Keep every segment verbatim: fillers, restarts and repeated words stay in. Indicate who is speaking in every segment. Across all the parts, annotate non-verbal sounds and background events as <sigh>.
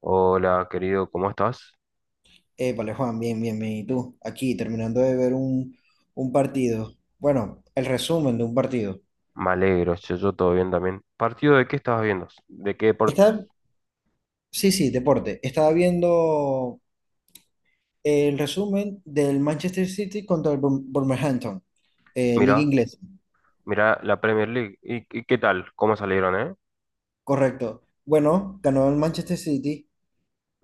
Speaker 1: Hola, querido, ¿cómo estás?
Speaker 2: Eh, vale, Juan, bien, bien, bien. ¿Y tú? Aquí, terminando de ver un, un partido. Bueno, el resumen de un partido.
Speaker 1: Me alegro, yo, yo todo bien también. ¿Partido de qué estabas viendo? ¿De qué deportes?
Speaker 2: Está, sí, sí, deporte. Estaba viendo el resumen del Manchester City contra el Bur- Wolverhampton, eh, Liga
Speaker 1: Mira,
Speaker 2: Inglesa.
Speaker 1: mira la Premier League. ¿Y, y qué tal? ¿Cómo salieron, eh?
Speaker 2: Correcto. Bueno, ganó el Manchester City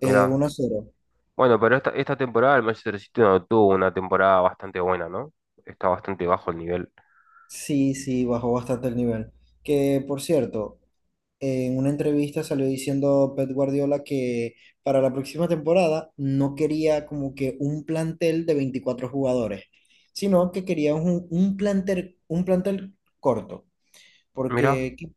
Speaker 2: eh, uno a cero.
Speaker 1: Bueno, pero esta, esta temporada el Manchester City no tuvo una temporada bastante buena, ¿no? Está bastante bajo el nivel.
Speaker 2: Sí, sí, bajó bastante el nivel. Que, por cierto, en una entrevista salió diciendo Pep Guardiola que para la próxima temporada no quería como que un plantel de veinticuatro jugadores, sino que quería un, un plantel, un plantel corto,
Speaker 1: Mira,
Speaker 2: porque que-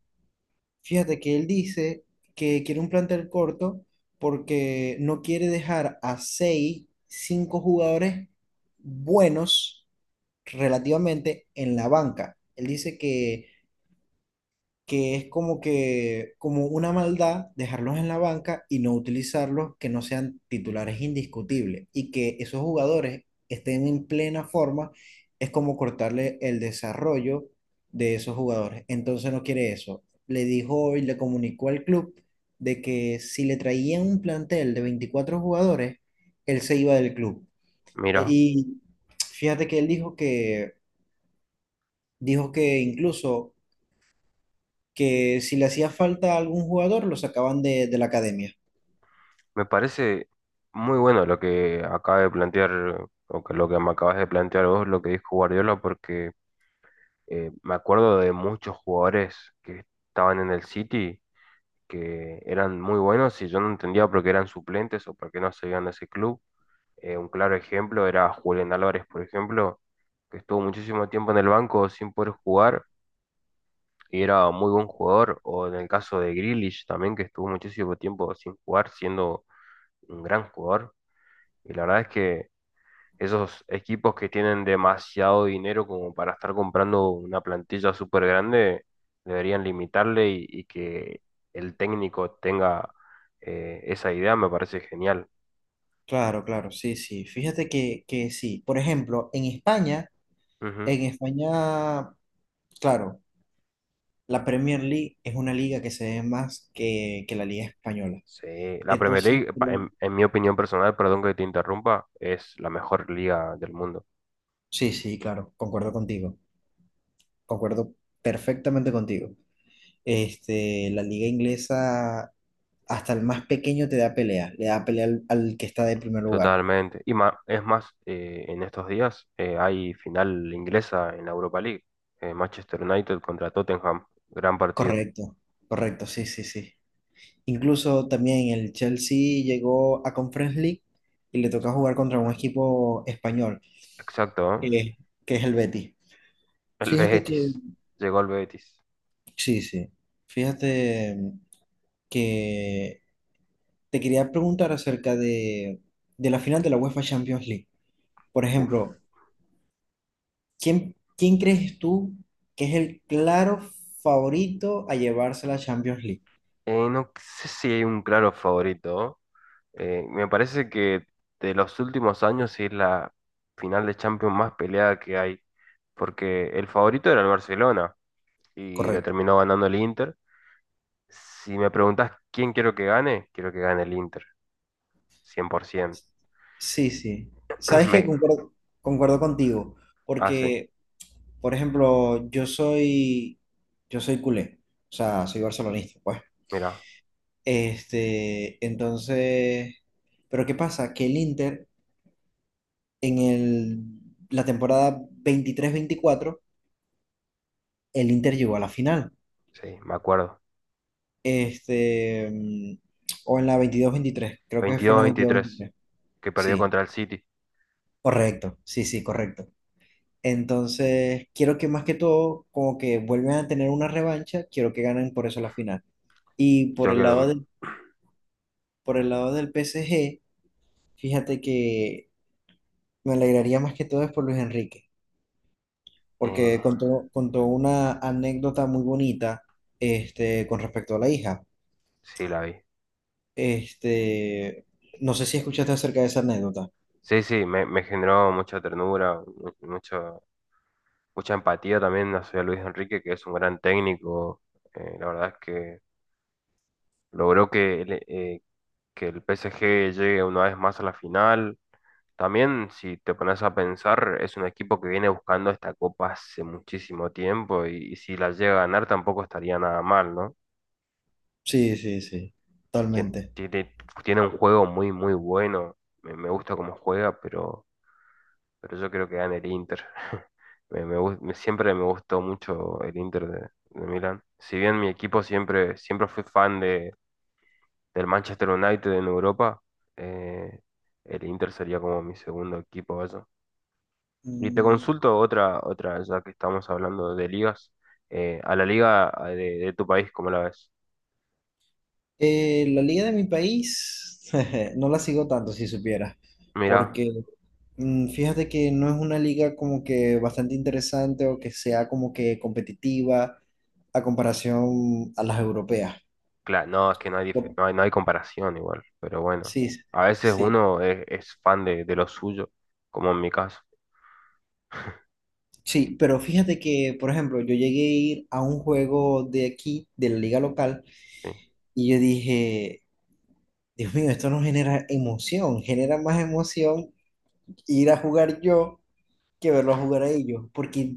Speaker 2: fíjate que él dice que quiere un plantel corto porque no quiere dejar a seis cinco jugadores buenos relativamente en la banca. Él dice que que es como que, como una maldad dejarlos en la banca y no utilizarlos, que no sean titulares indiscutibles y que esos jugadores estén en plena forma, es como cortarle el desarrollo de esos jugadores. Entonces no quiere eso. Le dijo y le comunicó al club de que si le traían un plantel de veinticuatro jugadores, él se iba del club. E-
Speaker 1: mira.
Speaker 2: Y fíjate que él dijo que, dijo que incluso que si le hacía falta a algún jugador, lo sacaban de, de la academia.
Speaker 1: Me parece muy bueno lo que acaba de plantear, o que lo que me acabas de plantear vos, lo que dijo Guardiola, porque eh, me acuerdo de muchos jugadores que estaban en el City que eran muy buenos y yo no entendía por qué eran suplentes o por qué no se iban de ese club. Eh, un claro ejemplo era Julián Álvarez, por ejemplo, que estuvo muchísimo tiempo en el banco sin poder jugar y era muy buen jugador. O en el caso de Grealish también, que estuvo muchísimo tiempo sin jugar, siendo un gran jugador. Y la verdad es que esos equipos que tienen demasiado dinero como para estar comprando una plantilla súper grande, deberían limitarle y, y que el técnico tenga eh, esa idea, me parece genial.
Speaker 2: Claro, claro, sí, sí. Fíjate que, que sí. Por ejemplo, en España,
Speaker 1: Ujú.
Speaker 2: en España, claro, la Premier League es una liga que se ve más que, que la liga española.
Speaker 1: Sí, la Premier
Speaker 2: Entonces,
Speaker 1: League, pa-
Speaker 2: lo-
Speaker 1: en, en mi opinión personal, perdón que te interrumpa, es la mejor liga del mundo,
Speaker 2: sí, sí, claro, concuerdo contigo. Concuerdo perfectamente contigo. Este, la liga inglesa, hasta el más pequeño te da pelea, le da pelea al, al que está de primer lugar.
Speaker 1: totalmente. Y ma- es más, eh, en estos días eh, hay final inglesa en la Europa League, eh, Manchester United contra Tottenham, gran partido.
Speaker 2: Correcto, correcto, sí, sí, sí. Incluso también el Chelsea llegó a Conference League y le toca jugar contra un equipo español,
Speaker 1: Exacto,
Speaker 2: que
Speaker 1: ¿eh?
Speaker 2: es, que es el Betis.
Speaker 1: El
Speaker 2: Fíjate que,
Speaker 1: Betis. Llegó el Betis.
Speaker 2: sí, sí, fíjate mm, que te quería preguntar acerca de, de la final de la UEFA Champions League. Por
Speaker 1: Uf.
Speaker 2: ejemplo, ¿quién, quién crees tú que es el claro favorito a llevarse la Champions League?
Speaker 1: Eh, no sé si hay un claro favorito. Eh, me parece que de los últimos años es la final de Champions más peleada que hay. Porque el favorito era el Barcelona y le
Speaker 2: Correcto.
Speaker 1: terminó ganando el Inter. Si me preguntás quién quiero que gane, quiero que gane el Inter. cien por ciento.
Speaker 2: Sí, sí.
Speaker 1: <clears throat>
Speaker 2: Sabes que
Speaker 1: Me
Speaker 2: concuerdo, concuerdo contigo,
Speaker 1: hace.
Speaker 2: porque por ejemplo, yo soy, yo soy culé, o sea, soy barcelonista, pues.
Speaker 1: Mira,
Speaker 2: Este, entonces, pero ¿qué pasa? Que el Inter, en el, la temporada veintitrés veinticuatro el Inter llegó a la final.
Speaker 1: sí, me acuerdo.
Speaker 2: Este, mm, o en la veintidós veintitrés, creo que fue en
Speaker 1: Veintidós
Speaker 2: la veintidós
Speaker 1: veintitrés
Speaker 2: veintitrés
Speaker 1: que perdió
Speaker 2: Sí,
Speaker 1: contra el City.
Speaker 2: correcto, sí, sí, correcto. Entonces, quiero que, más que todo, como que vuelvan a tener una revancha, quiero que ganen por eso la final. Y por
Speaker 1: Yo
Speaker 2: el
Speaker 1: creo
Speaker 2: lado
Speaker 1: que...
Speaker 2: de Por el lado del P S G, fíjate que me alegraría más que todo es por Luis Enrique,
Speaker 1: Eh,
Speaker 2: porque contó, contó una anécdota muy bonita, este, con respecto a la hija.
Speaker 1: sí, la vi.
Speaker 2: Este, no sé si escuchaste acerca de esa anécdota.
Speaker 1: Sí, sí, me, me generó mucha ternura, mu- mucho, mucha empatía también hacia Luis Enrique, que es un gran técnico. Eh, la verdad es que logró que, el- eh, que el P S G llegue una vez más a la final. También, si te pones a pensar, es un equipo que viene buscando esta copa hace muchísimo tiempo y, y si la llega a ganar tampoco estaría nada mal, ¿no?
Speaker 2: Sí, sí, sí,
Speaker 1: Tien-
Speaker 2: totalmente.
Speaker 1: Tiene, tiene un juego muy, muy bueno. Me, me gusta cómo juega, pero... pero yo creo que gana el Inter. <laughs> Me, me gus- me- siempre me gustó mucho el Inter de, de Milán. Si bien mi equipo siempre, siempre fui fan de, del Manchester United en Europa, eh, el Inter sería como mi segundo equipo, vaya. Y te
Speaker 2: Mm,
Speaker 1: consulto otra, otra, ya que estamos hablando de ligas, eh, a la liga eh, de, de tu país, ¿cómo la ves?
Speaker 2: eh, la liga de mi país <laughs> no la sigo tanto, si supieras,
Speaker 1: Mira,
Speaker 2: porque Mm, fíjate que no es una liga como que bastante interesante o que sea como que competitiva a comparación a las europeas.
Speaker 1: claro, no, es que no hay, dif-
Speaker 2: Por-
Speaker 1: no hay, no hay comparación igual, pero bueno,
Speaker 2: Sí, sí,
Speaker 1: a veces
Speaker 2: sí,
Speaker 1: uno es, es fan de, de lo suyo, como en mi caso.
Speaker 2: sí, pero fíjate que, por ejemplo, yo llegué a ir a un juego de aquí, de la liga local,
Speaker 1: Sí.
Speaker 2: y yo dije, Dios mío, esto no genera emoción, genera más emoción ir a jugar yo que verlos jugar a ellos, porque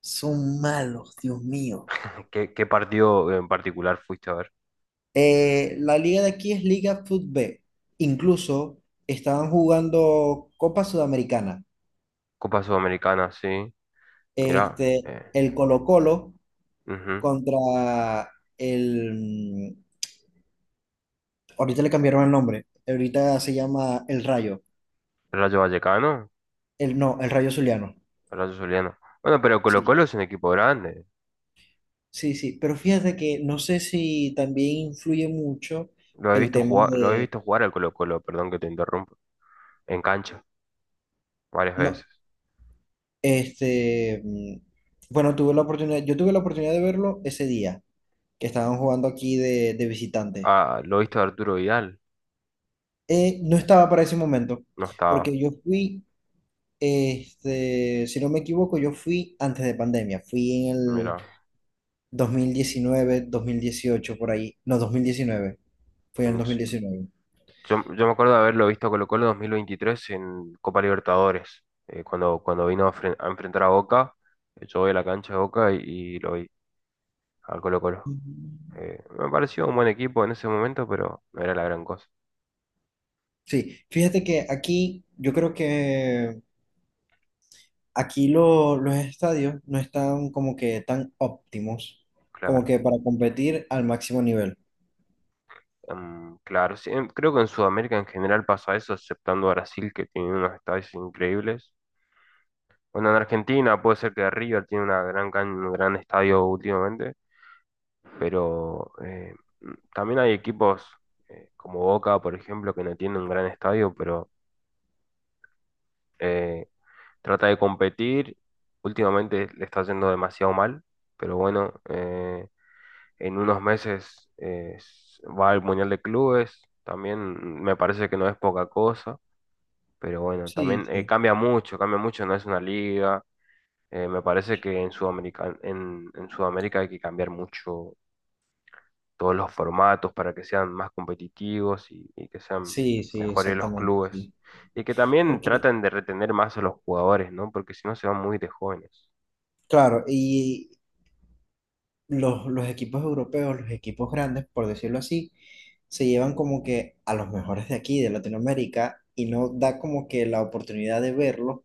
Speaker 2: son malos, Dios mío.
Speaker 1: ¿Qué, qué partido en particular fuiste a ver?
Speaker 2: Eh, la liga de aquí es Liga Fut B. Incluso estaban jugando Copa Sudamericana.
Speaker 1: Copa Sudamericana, sí. Mirá.
Speaker 2: Este,
Speaker 1: eh,
Speaker 2: el Colo-Colo
Speaker 1: ujú.
Speaker 2: contra el... Ahorita le cambiaron el nombre. Ahorita se llama El Rayo.
Speaker 1: Rayo Vallecano,
Speaker 2: El, no, El Rayo Zuliano.
Speaker 1: Rayo Zuliano. Bueno, pero
Speaker 2: Sí,
Speaker 1: Colo-Colo es un equipo grande.
Speaker 2: sí, sí. Pero fíjate que no sé si también influye mucho
Speaker 1: Lo he
Speaker 2: el
Speaker 1: visto
Speaker 2: tema
Speaker 1: jugar, lo he
Speaker 2: de...
Speaker 1: visto jugar al Colo-Colo, perdón que te interrumpo. En cancha, varias
Speaker 2: No,
Speaker 1: veces.
Speaker 2: este... mm, bueno, tuve la oportunidad, yo tuve la oportunidad de verlo ese día que estaban jugando aquí de, de visitante.
Speaker 1: Ah, lo he visto a Arturo Vidal.
Speaker 2: Eh, no estaba para ese momento,
Speaker 1: No estaba.
Speaker 2: porque yo fui, este, si no me equivoco, yo fui antes de pandemia, fui en el
Speaker 1: Mira.
Speaker 2: dos dos mil diecinueve, dos mil dieciocho, por ahí, no, dos mil diecinueve, fui en el
Speaker 1: En s-
Speaker 2: dos mil diecinueve.
Speaker 1: yo, yo me acuerdo de haberlo visto a Colo-Colo dos mil veintitrés en Copa Libertadores. eh, cuando, cuando vino a, fren- a enfrentar a Boca, eh, yo voy a la cancha de Boca y, y lo vi a Colo-Colo. Eh, me pareció un buen equipo en ese momento, pero no era la gran cosa.
Speaker 2: Sí, fíjate que aquí, yo creo que aquí lo- los estadios no están como que tan óptimos, como
Speaker 1: Claro.
Speaker 2: que para competir al máximo nivel.
Speaker 1: Em, claro. Sí, em, creo que en Sudamérica en general pasa eso, exceptando Brasil, que tiene unos estadios increíbles. Bueno, en Argentina puede ser que River tiene una gran can- un gran estadio últimamente, pero eh, mm, también hay equipos eh, como Boca, por ejemplo, que no tiene un gran estadio, pero eh, trata de competir. Últimamente le está yendo demasiado mal, pero bueno. eh, en unos meses eh, va al Mundial de Clubes, también me parece que no es poca cosa, pero bueno,
Speaker 2: Sí,
Speaker 1: también eh,
Speaker 2: sí,
Speaker 1: cambia mucho, cambia mucho, no es una liga, eh, me parece que en Sudamérica, en, en Sudamérica hay que cambiar mucho todos los formatos para que sean más competitivos y, y que sean
Speaker 2: sí, sí,
Speaker 1: mejores los
Speaker 2: exactamente,
Speaker 1: clubes.
Speaker 2: sí.
Speaker 1: Y que también
Speaker 2: Porque
Speaker 1: traten de retener más a los jugadores, ¿no? Porque si no se van muy de jóvenes.
Speaker 2: Claro, y los, los equipos europeos, los equipos grandes, por decirlo así, se llevan como que a los mejores de aquí, de Latinoamérica, y no da como que la oportunidad de verlo,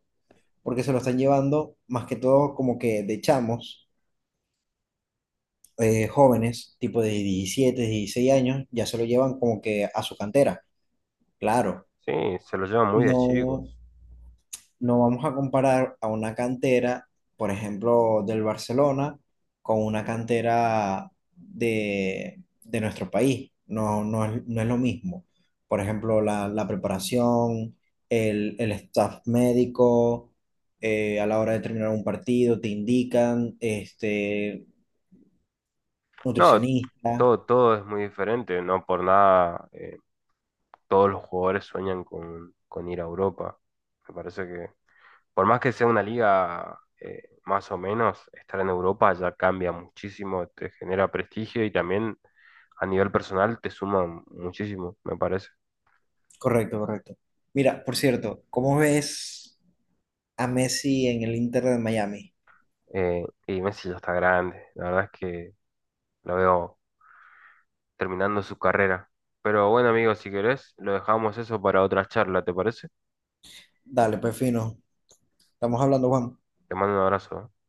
Speaker 2: porque se lo están llevando más que todo como que de chamos, eh, jóvenes, tipo de diecisiete dieciséis años, ya se lo llevan como que a su cantera. Claro,
Speaker 1: Sí, se los llevan muy de
Speaker 2: no,
Speaker 1: chicos.
Speaker 2: no vamos a comparar a una cantera, por ejemplo, del Barcelona, con una cantera de, de nuestro país. No, no es, no es lo mismo. Por ejemplo, la, la preparación, el, el staff médico, eh, a la hora de terminar un partido, te indican, este,
Speaker 1: No,
Speaker 2: nutricionista.
Speaker 1: todo, todo es muy diferente, no por nada eh, todos los jugadores sueñan con, con ir a Europa. Me parece que, por más que sea una liga eh, más o menos, estar en Europa ya cambia muchísimo, te genera prestigio y también a nivel personal te suma muchísimo, me parece.
Speaker 2: Correcto, correcto. Mira, por cierto, ¿cómo ves a Messi en el Inter de Miami?
Speaker 1: Eh, y Messi ya está grande, la verdad es que lo veo terminando su carrera. Pero bueno, amigo, si querés, lo dejamos eso para otra charla, ¿te parece?
Speaker 2: Dale, pues fino. Estamos hablando, Juan.
Speaker 1: Te mando un abrazo. ¿Eh?